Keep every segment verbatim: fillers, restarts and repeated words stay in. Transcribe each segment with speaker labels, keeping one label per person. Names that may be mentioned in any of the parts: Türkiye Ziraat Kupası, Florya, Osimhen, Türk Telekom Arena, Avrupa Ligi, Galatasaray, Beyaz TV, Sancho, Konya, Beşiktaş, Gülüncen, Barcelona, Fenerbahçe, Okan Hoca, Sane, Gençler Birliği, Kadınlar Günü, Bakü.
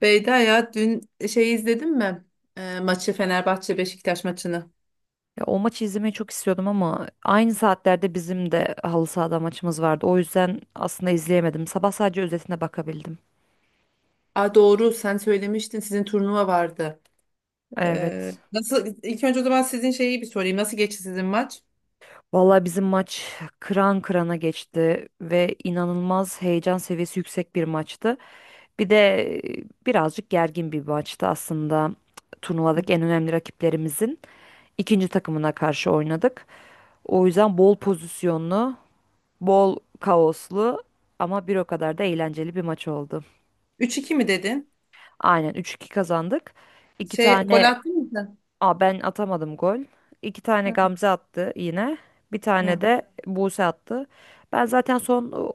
Speaker 1: Beyda ya dün şey izledin mi? Ee, maçı, Fenerbahçe Beşiktaş maçını.
Speaker 2: Ya o maçı izlemeyi çok istiyordum ama aynı saatlerde bizim de halı sahada maçımız vardı. O yüzden aslında izleyemedim. Sabah sadece özetine bakabildim.
Speaker 1: Aa, doğru, sen söylemiştin sizin turnuva vardı. Ee,
Speaker 2: Evet.
Speaker 1: nasıl, ilk önce o zaman sizin şeyi bir sorayım. Nasıl geçti sizin maç?
Speaker 2: Vallahi bizim maç kıran kırana geçti ve inanılmaz heyecan seviyesi yüksek bir maçtı. Bir de e, birazcık gergin bir maçtı aslında. Turnuvadaki en önemli rakiplerimizin ikinci takımına karşı oynadık. O yüzden bol pozisyonlu, bol kaoslu ama bir o kadar da eğlenceli bir maç oldu.
Speaker 1: Üç iki mi dedin?
Speaker 2: Aynen üç iki kazandık. İki
Speaker 1: Şey gol
Speaker 2: tane
Speaker 1: attın mı sen?
Speaker 2: Aa, ben atamadım gol. İki tane
Speaker 1: Hı.
Speaker 2: Gamze attı yine. Bir
Speaker 1: Hı.
Speaker 2: tane de Buse attı. Ben zaten son o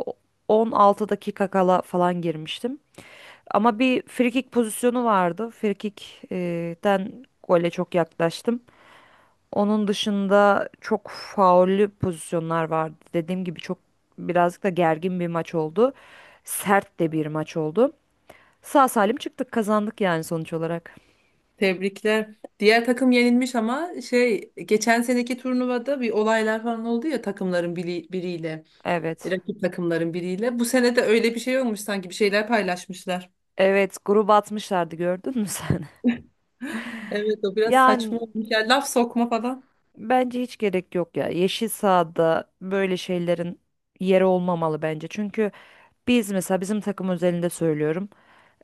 Speaker 2: on altı dakika kala falan girmiştim. Ama bir frikik pozisyonu vardı. Frikikten gole çok yaklaştım. Onun dışında çok faullü pozisyonlar vardı. Dediğim gibi çok birazcık da gergin bir maç oldu. Sert de bir maç oldu. Sağ salim çıktık, kazandık yani sonuç olarak.
Speaker 1: Tebrikler. Diğer takım yenilmiş ama şey geçen seneki turnuvada bir olaylar falan oldu ya takımların biri, biriyle,
Speaker 2: Evet.
Speaker 1: rakip takımların biriyle. Bu sene de öyle bir şey olmuş, sanki bir şeyler paylaşmışlar.
Speaker 2: Evet, grup atmışlardı gördün mü sen?
Speaker 1: Evet, o biraz
Speaker 2: Yani
Speaker 1: saçma olmuş. Yani laf sokma falan.
Speaker 2: bence hiç gerek yok ya. Yeşil sahada böyle şeylerin yeri olmamalı bence. Çünkü biz mesela bizim takım özelinde söylüyorum.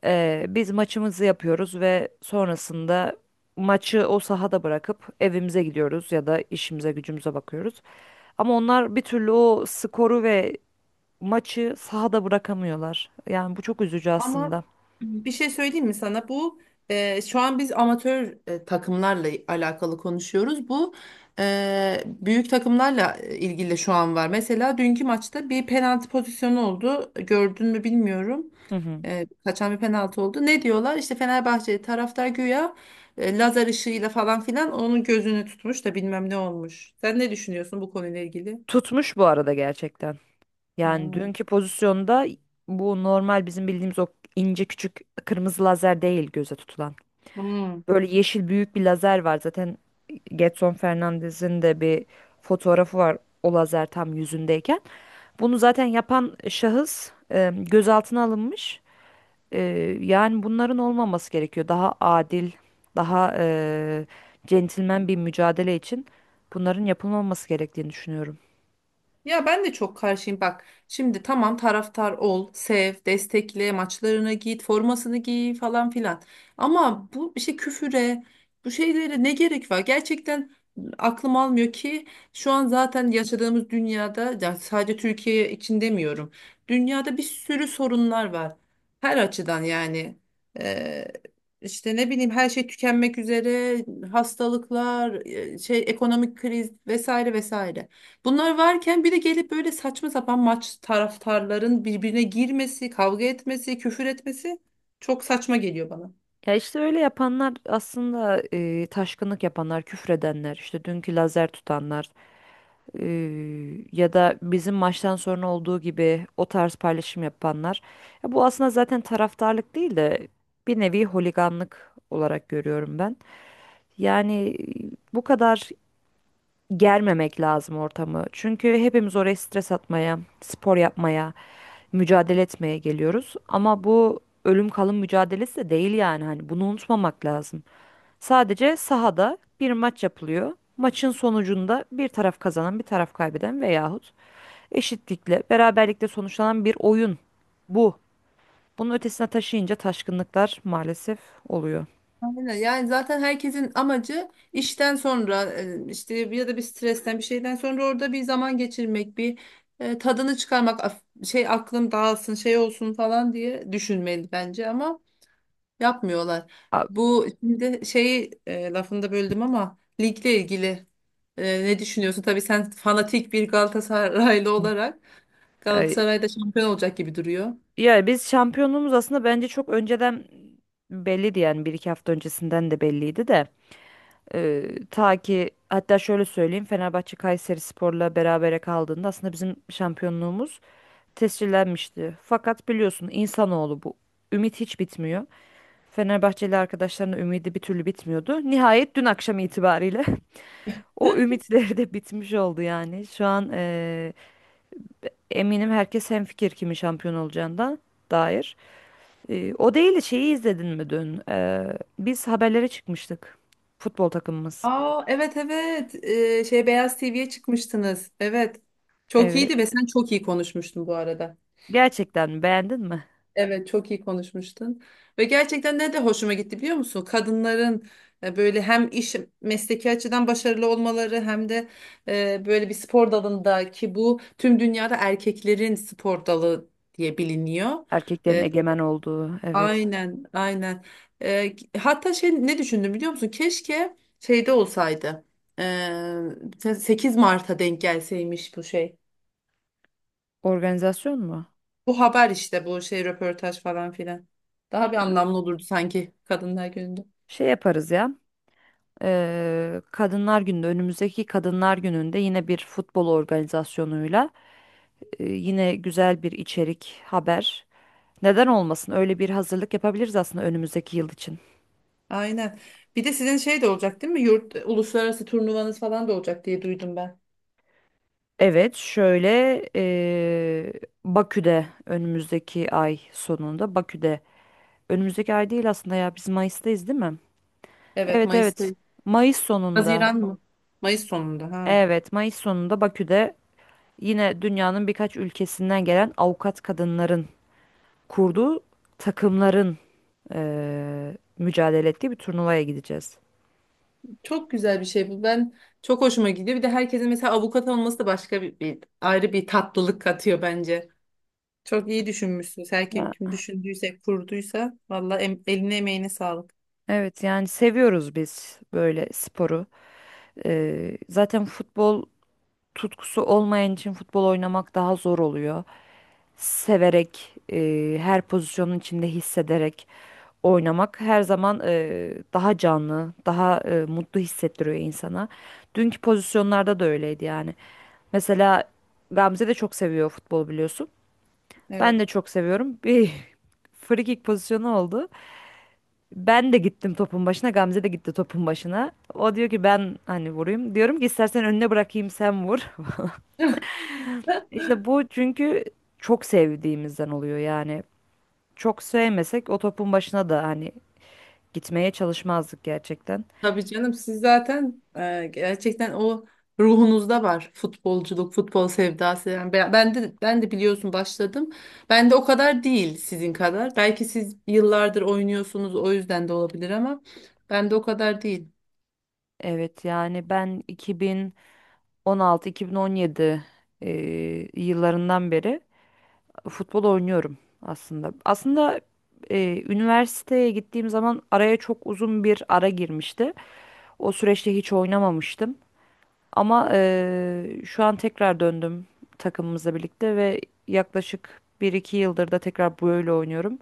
Speaker 2: Eee, biz maçımızı yapıyoruz ve sonrasında maçı o sahada bırakıp evimize gidiyoruz ya da işimize gücümüze bakıyoruz. Ama onlar bir türlü o skoru ve maçı sahada bırakamıyorlar. Yani bu çok üzücü
Speaker 1: Ama
Speaker 2: aslında.
Speaker 1: bir şey söyleyeyim mi sana? Bu e, şu an biz amatör e, takımlarla alakalı konuşuyoruz. Bu e, büyük takımlarla e, ilgili şu an var. Mesela dünkü maçta bir penaltı pozisyonu oldu. Gördün mü bilmiyorum.
Speaker 2: Hı hı.
Speaker 1: E, kaçan bir penaltı oldu. Ne diyorlar? İşte Fenerbahçe taraftar güya e, lazer ışığıyla falan filan onun gözünü tutmuş da bilmem ne olmuş. Sen ne düşünüyorsun bu konuyla ilgili?
Speaker 2: Tutmuş bu arada gerçekten. Yani
Speaker 1: Hmm.
Speaker 2: dünkü pozisyonda bu normal bizim bildiğimiz o ince küçük kırmızı lazer değil göze tutulan.
Speaker 1: Hmm.
Speaker 2: Böyle yeşil büyük bir lazer var. Zaten Getson Fernandez'in de bir fotoğrafı var o lazer tam yüzündeyken. Bunu zaten yapan şahıs e, gözaltına alınmış. E, yani bunların olmaması gerekiyor. Daha adil, daha e, centilmen bir mücadele için bunların yapılmaması gerektiğini düşünüyorum.
Speaker 1: Ya ben de çok karşıyım bak. Şimdi tamam, taraftar ol, sev, destekle, maçlarına git, formasını giy falan filan. Ama bu işte küfüre, bu şeylere ne gerek var? Gerçekten aklım almıyor ki şu an zaten yaşadığımız dünyada, ya sadece Türkiye için demiyorum. Dünyada bir sürü sorunlar var. Her açıdan yani. Ee, işte ne bileyim, her şey tükenmek üzere, hastalıklar, e, şey ekonomik kriz, vesaire vesaire. Bunlar varken bir de gelip böyle saçma sapan maç taraftarların birbirine girmesi, kavga etmesi, küfür etmesi çok saçma geliyor bana.
Speaker 2: Ya işte öyle yapanlar aslında, e, taşkınlık yapanlar, küfredenler, işte dünkü lazer tutanlar e, ya da bizim maçtan sonra olduğu gibi o tarz paylaşım yapanlar. Ya bu aslında zaten taraftarlık değil de bir nevi holiganlık olarak görüyorum ben. Yani e, bu kadar germemek lazım ortamı. Çünkü hepimiz oraya stres atmaya, spor yapmaya, mücadele etmeye geliyoruz. Ama bu ölüm kalım mücadelesi de değil yani. Hani bunu unutmamak lazım. Sadece sahada bir maç yapılıyor. Maçın sonucunda bir taraf kazanan, bir taraf kaybeden veyahut eşitlikle, beraberlikle sonuçlanan bir oyun bu. Bunun ötesine taşıyınca taşkınlıklar maalesef oluyor.
Speaker 1: Aynen. Yani zaten herkesin amacı işten sonra e, işte ya da bir stresten bir şeyden sonra orada bir zaman geçirmek, bir e, tadını çıkarmak, af- şey aklım dağılsın, şey olsun falan diye düşünmeli bence ama yapmıyorlar.
Speaker 2: A-
Speaker 1: Bu şimdi şeyi e, lafını da böldüm ama ligle ilgili Ee, ne düşünüyorsun? Tabii sen fanatik bir Galatasaraylı olarak
Speaker 2: ay-
Speaker 1: Galatasaray'da şampiyon olacak gibi duruyor.
Speaker 2: Yani biz şampiyonluğumuz aslında bence çok önceden belliydi, yani bir iki hafta öncesinden de belliydi de. Ee, ta ki hatta şöyle söyleyeyim, Fenerbahçe Kayseri Spor'la berabere kaldığında aslında bizim şampiyonluğumuz tescillenmişti. Fakat biliyorsun insanoğlu bu. Ümit hiç bitmiyor. Fenerbahçeli arkadaşlarının ümidi bir türlü bitmiyordu. Nihayet dün akşam itibariyle o ümitleri de bitmiş oldu yani. Şu an eee, eminim herkes hemfikir kimin şampiyon olacağından dair. Eee, o değil de, şeyi izledin mi dün? Eee, biz haberlere çıkmıştık. Futbol takımımız.
Speaker 1: Aa, evet evet. Ee, şey Beyaz T V'ye çıkmıştınız. Evet. Çok
Speaker 2: Evet.
Speaker 1: iyiydi ve sen çok iyi konuşmuştun bu arada.
Speaker 2: Gerçekten mi? Beğendin mi?
Speaker 1: Evet, çok iyi konuşmuştun. Ve gerçekten ne de hoşuma gitti biliyor musun? Kadınların e, böyle hem iş, mesleki açıdan başarılı olmaları hem de e, böyle bir spor dalında, ki bu tüm dünyada erkeklerin spor dalı diye biliniyor.
Speaker 2: Erkeklerin
Speaker 1: E,
Speaker 2: egemen olduğu. Evet.
Speaker 1: aynen aynen. E, Hatta şey ne düşündüm biliyor musun? Keşke şeyde olsaydı. E, sekiz Mart'a denk gelseymiş bu şey.
Speaker 2: Organizasyon mu?
Speaker 1: Bu haber, işte bu şey röportaj falan filan. Daha bir anlamlı olurdu sanki Kadınlar Günü'nde.
Speaker 2: Şey yaparız ya. Eee, Kadınlar Günü'nde önümüzdeki Kadınlar Günü'nde yine bir futbol organizasyonuyla e, yine güzel bir içerik, haber. Neden olmasın? Öyle bir hazırlık yapabiliriz aslında önümüzdeki yıl için.
Speaker 1: Aynen. Bir de sizin şey de olacak değil mi? Yurt uluslararası turnuvanız falan da olacak diye duydum ben.
Speaker 2: Evet, şöyle eee, Bakü'de önümüzdeki ay sonunda, Bakü'de önümüzdeki ay değil aslında, ya biz Mayıs'tayız değil mi?
Speaker 1: Evet,
Speaker 2: Evet,
Speaker 1: Mayıs'ta.
Speaker 2: evet, Mayıs sonunda.
Speaker 1: Haziran mı? Mayıs sonunda ha.
Speaker 2: Evet, Mayıs sonunda Bakü'de yine dünyanın birkaç ülkesinden gelen avukat kadınların kurduğu takımların eee, mücadele ettiği bir turnuvaya gideceğiz.
Speaker 1: Çok güzel bir şey bu. Ben, çok hoşuma gidiyor. Bir de herkesin mesela avukat olması da başka bir, bir- ayrı bir tatlılık katıyor bence. Çok iyi düşünmüşsünüz. Her kim
Speaker 2: Ya,
Speaker 1: düşündüyse, kurduysa valla em, eline emeğine sağlık.
Speaker 2: evet, yani seviyoruz biz böyle sporu. Eee, zaten futbol tutkusu olmayan için futbol oynamak daha zor oluyor. Severek, eee, her pozisyonun içinde hissederek oynamak her zaman eee, daha canlı, daha eee, mutlu hissettiriyor insana. Dünkü pozisyonlarda da öyleydi yani. Mesela Gamze de çok seviyor futbol biliyorsun. Ben
Speaker 1: Evet.
Speaker 2: de çok seviyorum. Bir free kick pozisyonu oldu. Ben de gittim topun başına. Gamze de gitti topun başına. O diyor ki ben hani vurayım. Diyorum ki istersen önüne bırakayım sen vur. İşte bu çünkü çok sevdiğimizden oluyor yani. Çok sevmesek o topun başına da hani gitmeye çalışmazdık gerçekten.
Speaker 1: Tabii canım, siz zaten e, gerçekten o ruhunuzda var futbolculuk, futbol sevdası. Yani ben, ben de ben de biliyorsun başladım. Ben de o kadar değil, sizin kadar. Belki siz yıllardır oynuyorsunuz, o yüzden de olabilir ama ben de o kadar değil.
Speaker 2: Evet, yani ben iki bin on altı-iki bin on yedi eee, yıllarından beri futbol oynuyorum aslında. Aslında e, üniversiteye gittiğim zaman araya çok uzun bir ara girmişti. O süreçte hiç oynamamıştım. Ama e, şu an tekrar döndüm takımımızla birlikte ve yaklaşık bir iki yıldır da tekrar böyle oynuyorum.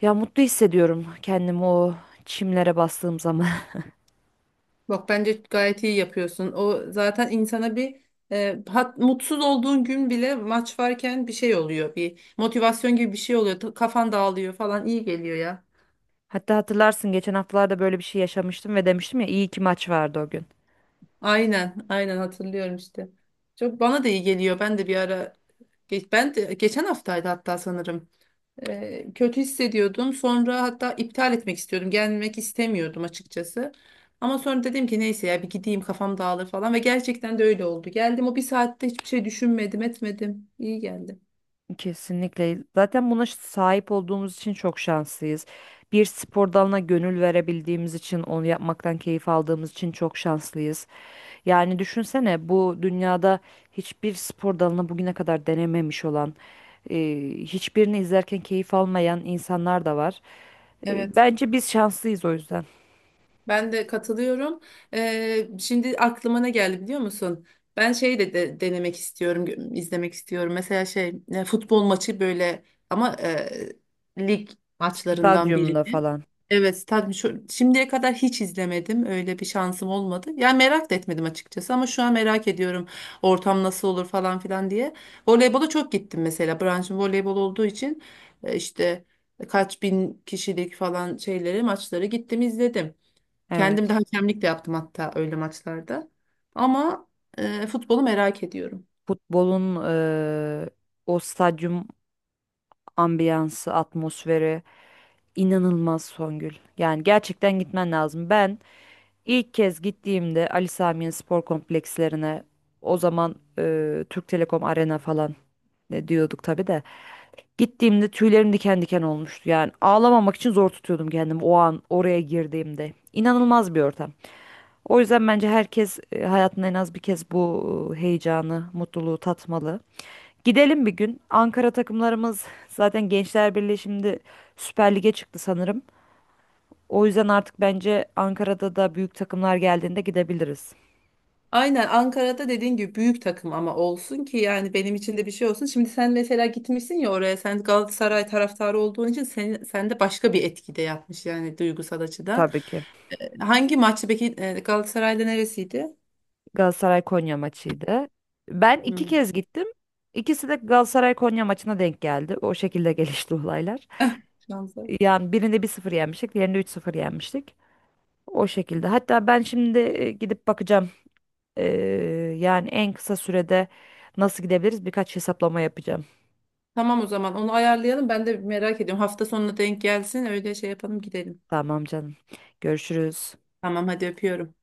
Speaker 2: Ya mutlu hissediyorum kendimi o çimlere bastığım zaman.
Speaker 1: Bak bence gayet iyi yapıyorsun. O zaten insana bir e, hat, mutsuz olduğun gün bile maç varken bir şey oluyor. Bir motivasyon gibi bir şey oluyor. Ta- Kafan dağılıyor falan, iyi geliyor ya.
Speaker 2: Hatta hatırlarsın, geçen haftalarda böyle bir şey yaşamıştım ve demiştim ya iyi ki maç vardı o gün.
Speaker 1: Aynen, aynen hatırlıyorum işte. Çok bana da iyi geliyor. Ben de bir ara ge- Ben de geçen haftaydı hatta sanırım. Ee, kötü hissediyordum. Sonra hatta iptal etmek istiyordum. Gelmek istemiyordum açıkçası. Ama sonra dedim ki neyse ya, bir gideyim kafam dağılır falan, ve gerçekten de öyle oldu. Geldim, o bir saatte hiçbir şey düşünmedim, etmedim. İyi geldi.
Speaker 2: Kesinlikle. Zaten buna sahip olduğumuz için çok şanslıyız. Bir spor dalına gönül verebildiğimiz için, onu yapmaktan keyif aldığımız için çok şanslıyız. Yani düşünsene, bu dünyada hiçbir spor dalını bugüne kadar denememiş olan, e, hiçbirini izlerken keyif almayan insanlar da var. E,
Speaker 1: Evet.
Speaker 2: bence biz şanslıyız o yüzden.
Speaker 1: Ben de katılıyorum. Ee, şimdi aklıma ne geldi biliyor musun? Ben şey de, de- denemek istiyorum, gö- izlemek istiyorum. Mesela şey e, futbol maçı, böyle ama e, lig maçlarından
Speaker 2: Stadyumda
Speaker 1: birini.
Speaker 2: falan.
Speaker 1: Evet, tabii şu, şimdiye kadar hiç izlemedim. Öyle bir şansım olmadı. Yani merak da etmedim açıkçası ama şu an merak ediyorum, ortam nasıl olur falan filan diye. Voleybola çok gittim mesela. Branşım voleybol olduğu için e, işte kaç bin kişilik falan şeyleri maçları gittim izledim. Kendim de
Speaker 2: Evet.
Speaker 1: hakemlik de yaptım hatta öyle maçlarda. Ama e, futbolu merak ediyorum.
Speaker 2: Futbolun e, o stadyum ambiyansı, atmosferi. İnanılmaz Songül. Yani gerçekten gitmen lazım. Ben ilk kez gittiğimde Ali Sami'nin spor komplekslerine, o zaman e, Türk Telekom Arena falan ne diyorduk tabii de, gittiğimde tüylerim diken diken olmuştu. Yani ağlamamak için zor tutuyordum kendimi o an oraya girdiğimde. İnanılmaz bir ortam. O yüzden bence herkes e, hayatında en az bir kez bu e, heyecanı, mutluluğu tatmalı. Gidelim bir gün. Ankara takımlarımız zaten Gençler Birliği şimdi Süper Lig'e çıktı sanırım. O yüzden artık bence Ankara'da da büyük takımlar geldiğinde gidebiliriz.
Speaker 1: Aynen, Ankara'da dediğin gibi büyük takım ama olsun ki yani benim için de bir şey olsun. Şimdi sen mesela gitmişsin ya oraya, sen Galatasaray taraftarı olduğun için sen, sende başka bir etki de yapmış yani duygusal açıdan.
Speaker 2: Tabii ki.
Speaker 1: E, hangi maçı peki, e, Galatasaray'da neresiydi?
Speaker 2: Galatasaray Konya maçıydı. Ben iki
Speaker 1: Hmm.
Speaker 2: kez gittim. İkisi de Galatasaray Konya maçına denk geldi. O şekilde gelişti olaylar.
Speaker 1: Eh, şansa.
Speaker 2: Yani birinde bir sıfır yenmiştik, diğerinde üç sıfır yenmiştik. O şekilde. Hatta ben şimdi e, gidip bakacağım. Ee, yani en kısa sürede nasıl gidebiliriz? Birkaç hesaplama yapacağım.
Speaker 1: Tamam, o zaman onu ayarlayalım, ben de merak ediyorum. Hafta sonuna denk gelsin, öyle şey yapalım, gidelim.
Speaker 2: Tamam canım. Görüşürüz.
Speaker 1: Tamam, hadi öpüyorum.